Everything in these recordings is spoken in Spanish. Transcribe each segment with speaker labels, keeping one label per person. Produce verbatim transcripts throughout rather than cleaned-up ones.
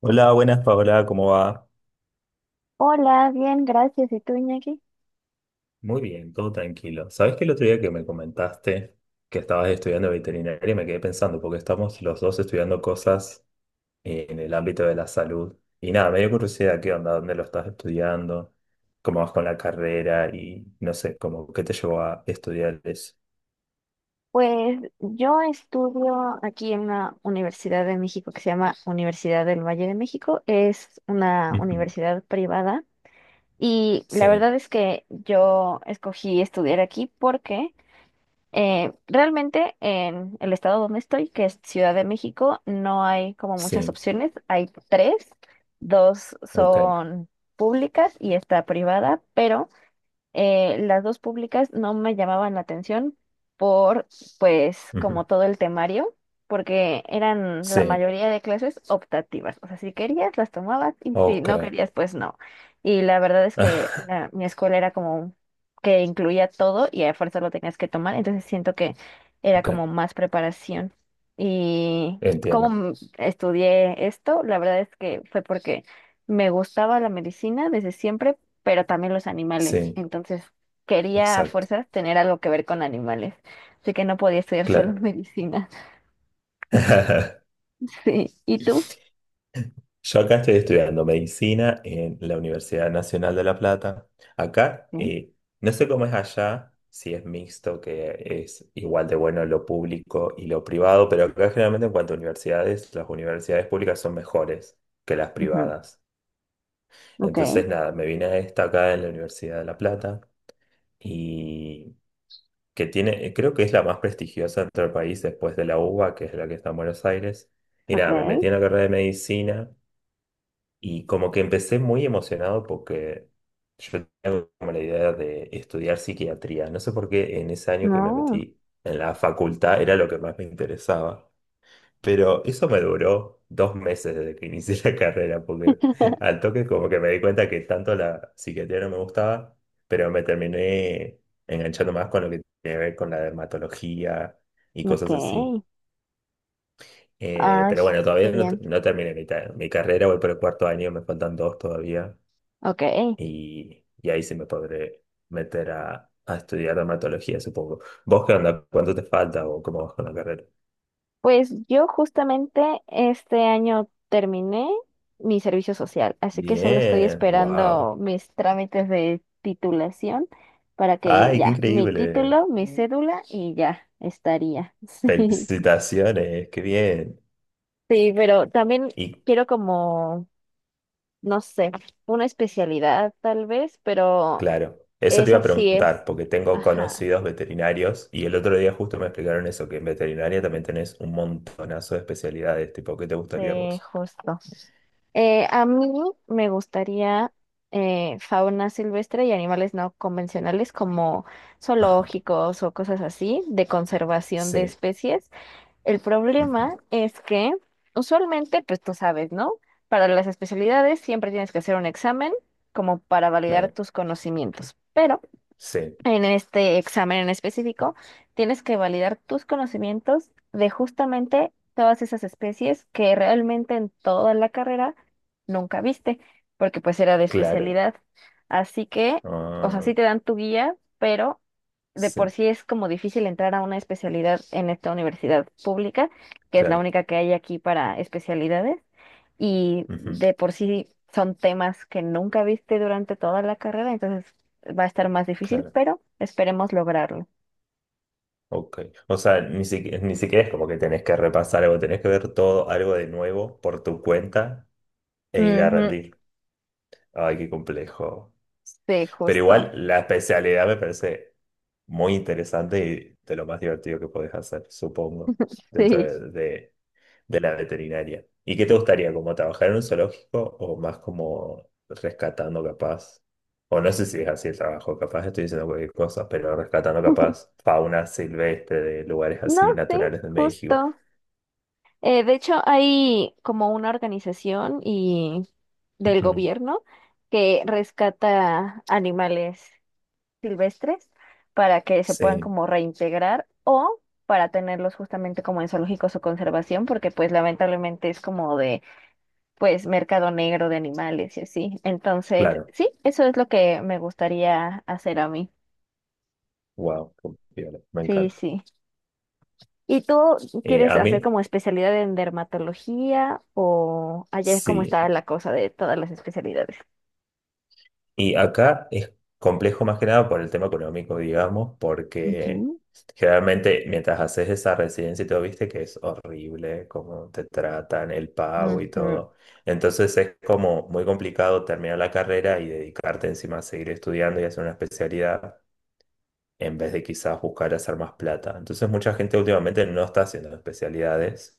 Speaker 1: Hola, buenas Paola, ¿cómo va?
Speaker 2: Hola, bien, gracias. ¿Y tú, Iñaki?
Speaker 1: Muy bien, todo tranquilo. Sabes que el otro día que me comentaste que estabas estudiando veterinaria y me quedé pensando, porque estamos los dos estudiando cosas en el ámbito de la salud. Y nada, me dio curiosidad, ¿qué onda? ¿Dónde lo estás estudiando? ¿Cómo vas con la carrera? Y no sé, como, ¿qué te llevó a estudiar eso?
Speaker 2: Pues yo estudio aquí en una universidad de México que se llama Universidad del Valle de México. Es una
Speaker 1: Ujú.
Speaker 2: universidad privada y la verdad
Speaker 1: Sí,
Speaker 2: es que yo escogí estudiar aquí porque eh, realmente en el estado donde estoy, que es Ciudad de México, no hay como muchas
Speaker 1: sí,
Speaker 2: opciones. Hay tres, dos
Speaker 1: ok.
Speaker 2: son públicas y está privada, pero... Eh, las dos públicas no me llamaban la atención por, pues,
Speaker 1: Ujú.
Speaker 2: como todo el temario, porque eran la
Speaker 1: Sí,
Speaker 2: mayoría de clases optativas. O sea, si querías, las tomabas y si
Speaker 1: ok.
Speaker 2: no querías, pues no. Y la verdad es que la- mi escuela era como que incluía todo y a fuerza lo tenías que tomar, entonces siento que era
Speaker 1: Ok,
Speaker 2: como más preparación. Y cómo
Speaker 1: entiendo.
Speaker 2: m- estudié esto, la verdad es que fue porque me gustaba la medicina desde siempre, pero también los animales.
Speaker 1: Sí,
Speaker 2: Entonces, quería a
Speaker 1: exacto,
Speaker 2: fuerzas tener algo que ver con animales. Así que no podía estudiar solo
Speaker 1: claro.
Speaker 2: medicina. Sí. ¿Y tú?
Speaker 1: Yo acá estoy estudiando medicina en la Universidad Nacional de La Plata. Acá,
Speaker 2: Sí.
Speaker 1: eh, no sé cómo es allá, si es mixto, que es igual de bueno lo público y lo privado, pero acá generalmente en cuanto a universidades, las universidades públicas son mejores que las
Speaker 2: Ujú.
Speaker 1: privadas.
Speaker 2: Ok,
Speaker 1: Entonces, nada, me vine a esta acá en la Universidad de La Plata y que tiene, creo que es la más prestigiosa en todo el país después de la UBA, que es la que está en Buenos Aires. Y
Speaker 2: ok.
Speaker 1: nada, me metí en la carrera de medicina. Y como que empecé muy emocionado porque yo tenía como la idea de estudiar psiquiatría. No sé por qué en ese año que me
Speaker 2: No,
Speaker 1: metí en la facultad era lo que más me interesaba. Pero eso me duró dos meses desde que inicié la carrera, porque al toque como que me di cuenta que tanto la psiquiatría no me gustaba, pero me terminé enganchando más con lo que tiene que ver con la dermatología y cosas así.
Speaker 2: ok.
Speaker 1: Eh,
Speaker 2: Ay,
Speaker 1: pero bueno,
Speaker 2: qué
Speaker 1: todavía no,
Speaker 2: bien.
Speaker 1: no terminé mi, ta- mi carrera, voy por el cuarto año, me faltan dos todavía
Speaker 2: Ok.
Speaker 1: y, y ahí sí me podré meter a, a estudiar dermatología, supongo. ¿Vos qué onda? ¿Cuánto te falta o cómo vas con la carrera?
Speaker 2: Pues yo justamente este año terminé mi servicio social, así que solo estoy
Speaker 1: Bien, wow.
Speaker 2: esperando mis trámites de titulación para que
Speaker 1: Ay, qué
Speaker 2: ya, mi
Speaker 1: increíble.
Speaker 2: título, mi Mm. cédula y ya estaría. Sí.
Speaker 1: Felicitaciones, qué bien.
Speaker 2: Sí, pero también
Speaker 1: Y
Speaker 2: quiero como, no sé, una especialidad tal vez, pero
Speaker 1: claro, eso te iba
Speaker 2: eso
Speaker 1: a
Speaker 2: sí es,
Speaker 1: preguntar, porque tengo
Speaker 2: ajá,
Speaker 1: conocidos veterinarios y el otro día justo me explicaron eso, que en veterinaria también tenés un montonazo de especialidades, tipo, ¿qué te gustaría a
Speaker 2: sí,
Speaker 1: vos?
Speaker 2: justo. Eh, a mí me gustaría eh, fauna silvestre y animales no convencionales como
Speaker 1: Ajá,
Speaker 2: zoológicos o cosas así, de conservación de
Speaker 1: sí,
Speaker 2: especies. El
Speaker 1: ujú,
Speaker 2: problema es que usualmente, pues tú sabes, ¿no? Para las especialidades siempre tienes que hacer un examen como para validar
Speaker 1: claro,
Speaker 2: tus conocimientos, pero...
Speaker 1: sí,
Speaker 2: En este examen en específico, tienes que validar tus conocimientos de justamente todas esas especies que realmente en toda la carrera nunca viste, porque pues era de
Speaker 1: claro,
Speaker 2: especialidad. Así que, o sea,
Speaker 1: ah,
Speaker 2: sí te dan tu guía, pero de por
Speaker 1: sí,
Speaker 2: sí es como difícil entrar a una especialidad en esta universidad pública, que es la
Speaker 1: claro.
Speaker 2: única que hay aquí para especialidades y
Speaker 1: Ujú,
Speaker 2: de por sí son temas que nunca viste durante toda la carrera, entonces va a estar más difícil,
Speaker 1: claro,
Speaker 2: pero esperemos lograrlo.
Speaker 1: ok. O sea, ni siquiera, ni siquiera es como que tenés que repasar algo, tenés que ver todo algo de nuevo por tu cuenta e ir a
Speaker 2: Ujú.
Speaker 1: rendir. Ay, qué complejo.
Speaker 2: Sí,
Speaker 1: Pero igual
Speaker 2: justo.
Speaker 1: la especialidad me parece muy interesante y de lo más divertido que podés hacer, supongo, dentro
Speaker 2: Sí.
Speaker 1: de, de de la veterinaria. ¿Y qué te gustaría, como trabajar en un zoológico o más como rescatando capaz? O no sé si es así el trabajo, capaz estoy diciendo cualquier cosa, pero rescatando capaz fauna silvestre de lugares
Speaker 2: No,
Speaker 1: así
Speaker 2: sí,
Speaker 1: naturales de México.
Speaker 2: justo. Eh, de hecho, hay como una organización y del
Speaker 1: Ujú.
Speaker 2: gobierno que rescata animales. Silvestres para que se puedan
Speaker 1: Sí,
Speaker 2: como reintegrar o para tenerlos justamente como en zoológicos o conservación, porque pues lamentablemente es como de pues mercado negro de animales y así. Entonces,
Speaker 1: claro.
Speaker 2: sí, eso es lo que me gustaría hacer a mí.
Speaker 1: Wow, me
Speaker 2: Sí,
Speaker 1: encanta.
Speaker 2: sí. ¿Y tú
Speaker 1: Eh,
Speaker 2: quieres
Speaker 1: a
Speaker 2: hacer
Speaker 1: mí,
Speaker 2: como especialidad en dermatología o ayer cómo
Speaker 1: sí.
Speaker 2: estaba la cosa de todas las especialidades?
Speaker 1: Y acá es complejo más que nada por el tema económico, digamos, porque
Speaker 2: Ujú,
Speaker 1: generalmente mientras haces esa residencia y todo, viste que es horrible cómo te tratan, el pago y
Speaker 2: ujú,
Speaker 1: todo. Entonces es como muy complicado terminar la carrera y dedicarte encima a seguir estudiando y hacer una especialidad en vez de quizás buscar hacer más plata. Entonces mucha gente últimamente no está haciendo especialidades,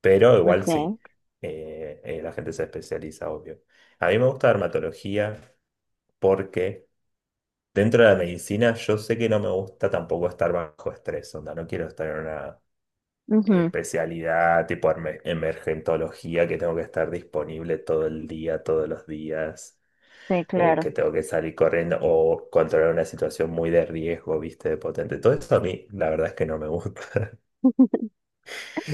Speaker 1: pero igual sí,
Speaker 2: ok,
Speaker 1: eh, eh, la gente se especializa, obvio. A mí me gusta dermatología porque dentro de la medicina, yo sé que no me gusta tampoco estar bajo estrés, onda, no quiero estar en una
Speaker 2: ujú.
Speaker 1: especialidad tipo erme- emergentología que tengo que estar disponible todo el día, todos los días,
Speaker 2: Sí,
Speaker 1: o
Speaker 2: claro.
Speaker 1: que tengo que salir corriendo o controlar una situación muy de riesgo, viste, de potente. Todo eso a mí, la verdad es que no me gusta.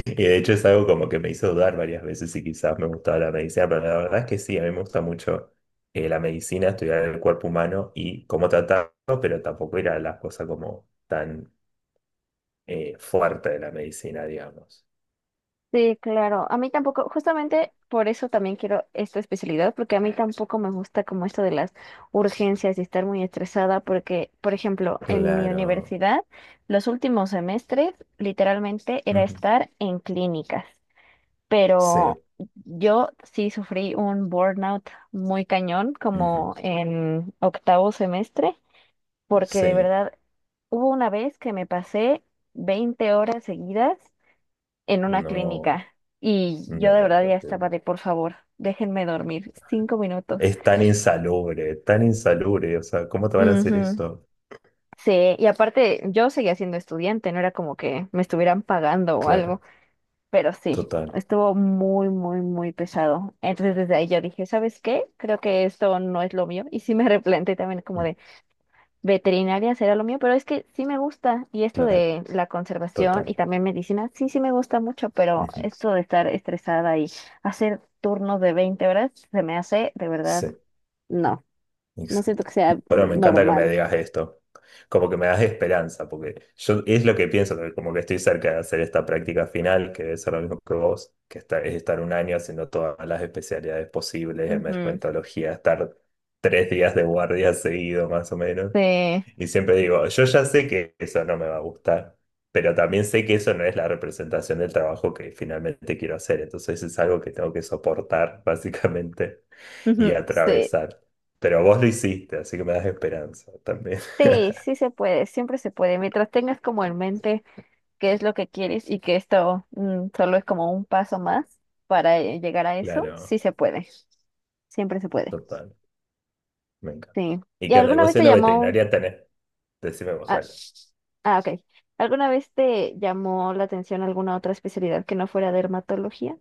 Speaker 1: Y de hecho es algo como que me hizo dudar varias veces si quizás me gustaba la medicina, pero la verdad es que sí, a mí me gusta mucho eh, la medicina, estudiar el cuerpo humano y cómo tratarlo, pero tampoco ir a las cosas como tan eh, fuerte de la medicina, digamos.
Speaker 2: Sí, claro. A mí tampoco, justamente por eso también quiero esta especialidad, porque a mí tampoco me gusta como esto de las urgencias y estar muy estresada, porque, por ejemplo, en mi
Speaker 1: Claro.
Speaker 2: universidad, los últimos semestres literalmente era
Speaker 1: Ujú.
Speaker 2: estar en clínicas, pero
Speaker 1: Sí,
Speaker 2: yo sí sufrí un burnout muy cañón,
Speaker 1: ujú.
Speaker 2: como en octavo semestre, porque de
Speaker 1: Sí,
Speaker 2: verdad hubo una vez que me pasé veinte horas seguidas en una
Speaker 1: no,
Speaker 2: clínica. Y
Speaker 1: no,
Speaker 2: yo de verdad ya
Speaker 1: porque
Speaker 2: estaba de, por favor, déjenme dormir cinco minutos.
Speaker 1: es tan insalubre, tan insalubre, o sea, ¿cómo te van a hacer
Speaker 2: Ujú.
Speaker 1: eso?
Speaker 2: Sí, y aparte yo seguía siendo estudiante, no era como que me estuvieran pagando o
Speaker 1: Claro,
Speaker 2: algo, pero sí,
Speaker 1: total.
Speaker 2: estuvo muy, muy, muy pesado. Entonces desde ahí yo dije, ¿sabes qué? Creo que esto no es lo mío. Y sí me replanteé también como
Speaker 1: Mm,
Speaker 2: de... Veterinaria será lo mío, pero es que sí me gusta y esto
Speaker 1: claro,
Speaker 2: de la conservación y
Speaker 1: total.
Speaker 2: también medicina, sí, sí me gusta mucho, pero
Speaker 1: Ujú.
Speaker 2: esto de estar estresada y hacer turnos de veinte horas se me hace de verdad,
Speaker 1: Sí.
Speaker 2: no, no siento
Speaker 1: Exacto.
Speaker 2: que sea
Speaker 1: Bueno, me encanta que me
Speaker 2: normal.
Speaker 1: digas esto. Como que me das esperanza, porque yo es lo que pienso, que como que estoy cerca de hacer esta práctica final, que debe ser lo mismo que vos, que esta- es estar un año haciendo todas las especialidades posibles,
Speaker 2: Ujú.
Speaker 1: emergentología, estar tres días de guardia seguido más o menos.
Speaker 2: Sí,
Speaker 1: Y siempre digo, yo ya sé que eso no me va a gustar, pero también sé que eso no es la representación del trabajo que finalmente quiero hacer. Entonces es algo que tengo que soportar, básicamente y
Speaker 2: ujú, sí,
Speaker 1: atravesar. Pero vos lo hiciste, así que me das esperanza también.
Speaker 2: sí, sí se puede, siempre se puede, mientras tengas como en mente qué es lo que quieres y que esto mm, solo es como un paso más para eh, llegar a eso, sí
Speaker 1: Claro,
Speaker 2: se puede, siempre se puede,
Speaker 1: total, me encanta.
Speaker 2: sí.
Speaker 1: Y
Speaker 2: ¿Y
Speaker 1: que anda, y
Speaker 2: alguna
Speaker 1: vos
Speaker 2: vez te
Speaker 1: siendo
Speaker 2: llamó?
Speaker 1: veterinaria tenés, decime vos, dale.
Speaker 2: Ah, ok. ¿Alguna vez te llamó la atención alguna otra especialidad que no fuera dermatología?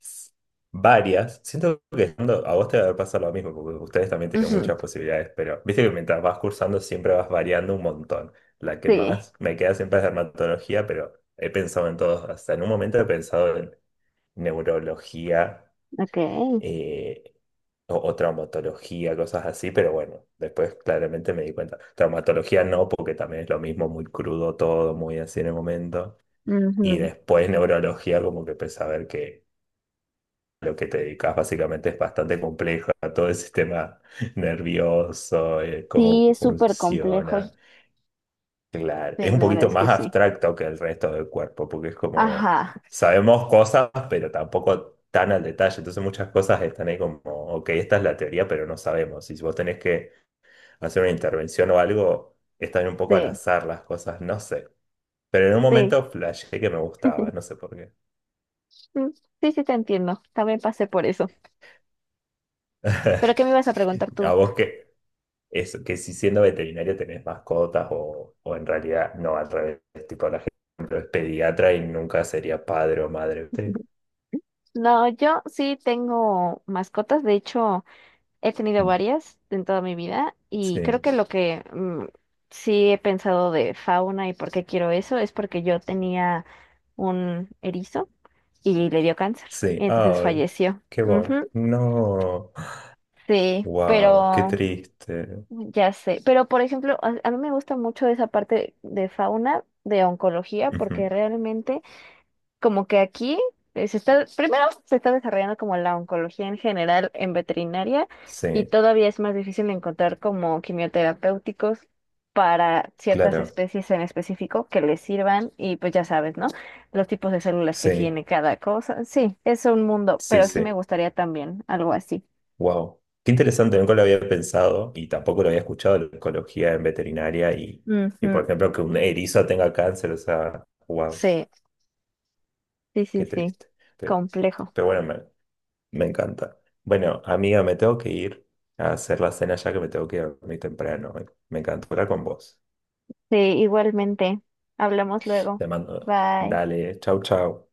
Speaker 1: S- Varias, siento que siendo, a vos te va a pasar lo mismo, porque ustedes también tienen
Speaker 2: Ujú.
Speaker 1: muchas posibilidades, pero viste que mientras vas cursando siempre vas variando un montón. La que
Speaker 2: Sí,
Speaker 1: más me queda siempre es dermatología, pero he pensado en todos, hasta en un momento he pensado en neurología,
Speaker 2: ok.
Speaker 1: eh, o, o traumatología, cosas así, pero bueno, después claramente me di cuenta. Traumatología no, porque también es lo mismo, muy crudo todo, muy así en el momento. Y
Speaker 2: Ujú.
Speaker 1: después neurología, como que empecé a ver que lo que te dedicas básicamente es bastante complejo, a todo el sistema nervioso, eh, cómo
Speaker 2: Sí, es súper complejo.
Speaker 1: funciona. Claro, es
Speaker 2: Sí,
Speaker 1: un
Speaker 2: la verdad
Speaker 1: poquito
Speaker 2: es que
Speaker 1: más
Speaker 2: sí.
Speaker 1: abstracto que el resto del cuerpo, porque es como,
Speaker 2: Ajá,
Speaker 1: sabemos cosas, pero tampoco tan al detalle. Entonces muchas cosas están ahí como, ok, esta es la teoría, pero no sabemos. Y si vos tenés que hacer una intervención o algo, están un poco al
Speaker 2: sí,
Speaker 1: azar las cosas, no sé. Pero en un
Speaker 2: sí.
Speaker 1: momento flashé que me gustaba, no sé por qué.
Speaker 2: Mm. Sí, sí, te entiendo. También pasé por eso. ¿Pero qué me ibas a preguntar tú?
Speaker 1: A vos que, eso, que si siendo veterinario tenés mascotas o, o en realidad no, al revés, tipo la gente es pediatra y nunca sería padre o madre, ¿viste?
Speaker 2: No, yo sí tengo mascotas. De hecho, he tenido varias en toda mi vida y creo
Speaker 1: Sí,
Speaker 2: que lo que mm, sí he pensado de fauna y por qué quiero eso es porque yo tenía un erizo y le dio cáncer y
Speaker 1: sí.
Speaker 2: entonces
Speaker 1: Ay,
Speaker 2: falleció.
Speaker 1: qué voy.
Speaker 2: Ujú,
Speaker 1: No.
Speaker 2: sí,
Speaker 1: Wow, qué
Speaker 2: pero
Speaker 1: triste.
Speaker 2: ya sé. Pero por ejemplo, a, a mí me gusta mucho esa parte de fauna, de oncología, porque
Speaker 1: Ujú.
Speaker 2: realmente como que aquí eh, se está, primero se está desarrollando como la oncología en general en veterinaria y
Speaker 1: Sí,
Speaker 2: todavía es más difícil encontrar como quimioterapéuticos para ciertas
Speaker 1: claro.
Speaker 2: especies en específico que les sirvan y pues ya sabes, ¿no? Los tipos de células que
Speaker 1: Sí,
Speaker 2: tiene cada cosa. Sí, es un mundo,
Speaker 1: sí,
Speaker 2: pero sí
Speaker 1: sí.
Speaker 2: me gustaría también algo así.
Speaker 1: Wow. Qué interesante, nunca lo había pensado y tampoco lo había escuchado la ecología en veterinaria y, y por
Speaker 2: Ujú.
Speaker 1: ejemplo, que un erizo tenga cáncer, o sea, wow,
Speaker 2: Sí, sí, sí,
Speaker 1: qué
Speaker 2: sí.
Speaker 1: triste. Pero,
Speaker 2: Complejo.
Speaker 1: pero bueno, me, me encanta. Bueno, amiga, me tengo que ir a hacer la cena ya que me tengo que ir a dormir temprano. Me encantó hablar con vos.
Speaker 2: Sí, igualmente. Hablamos luego.
Speaker 1: Te mando.
Speaker 2: Bye.
Speaker 1: Dale, chau, chau.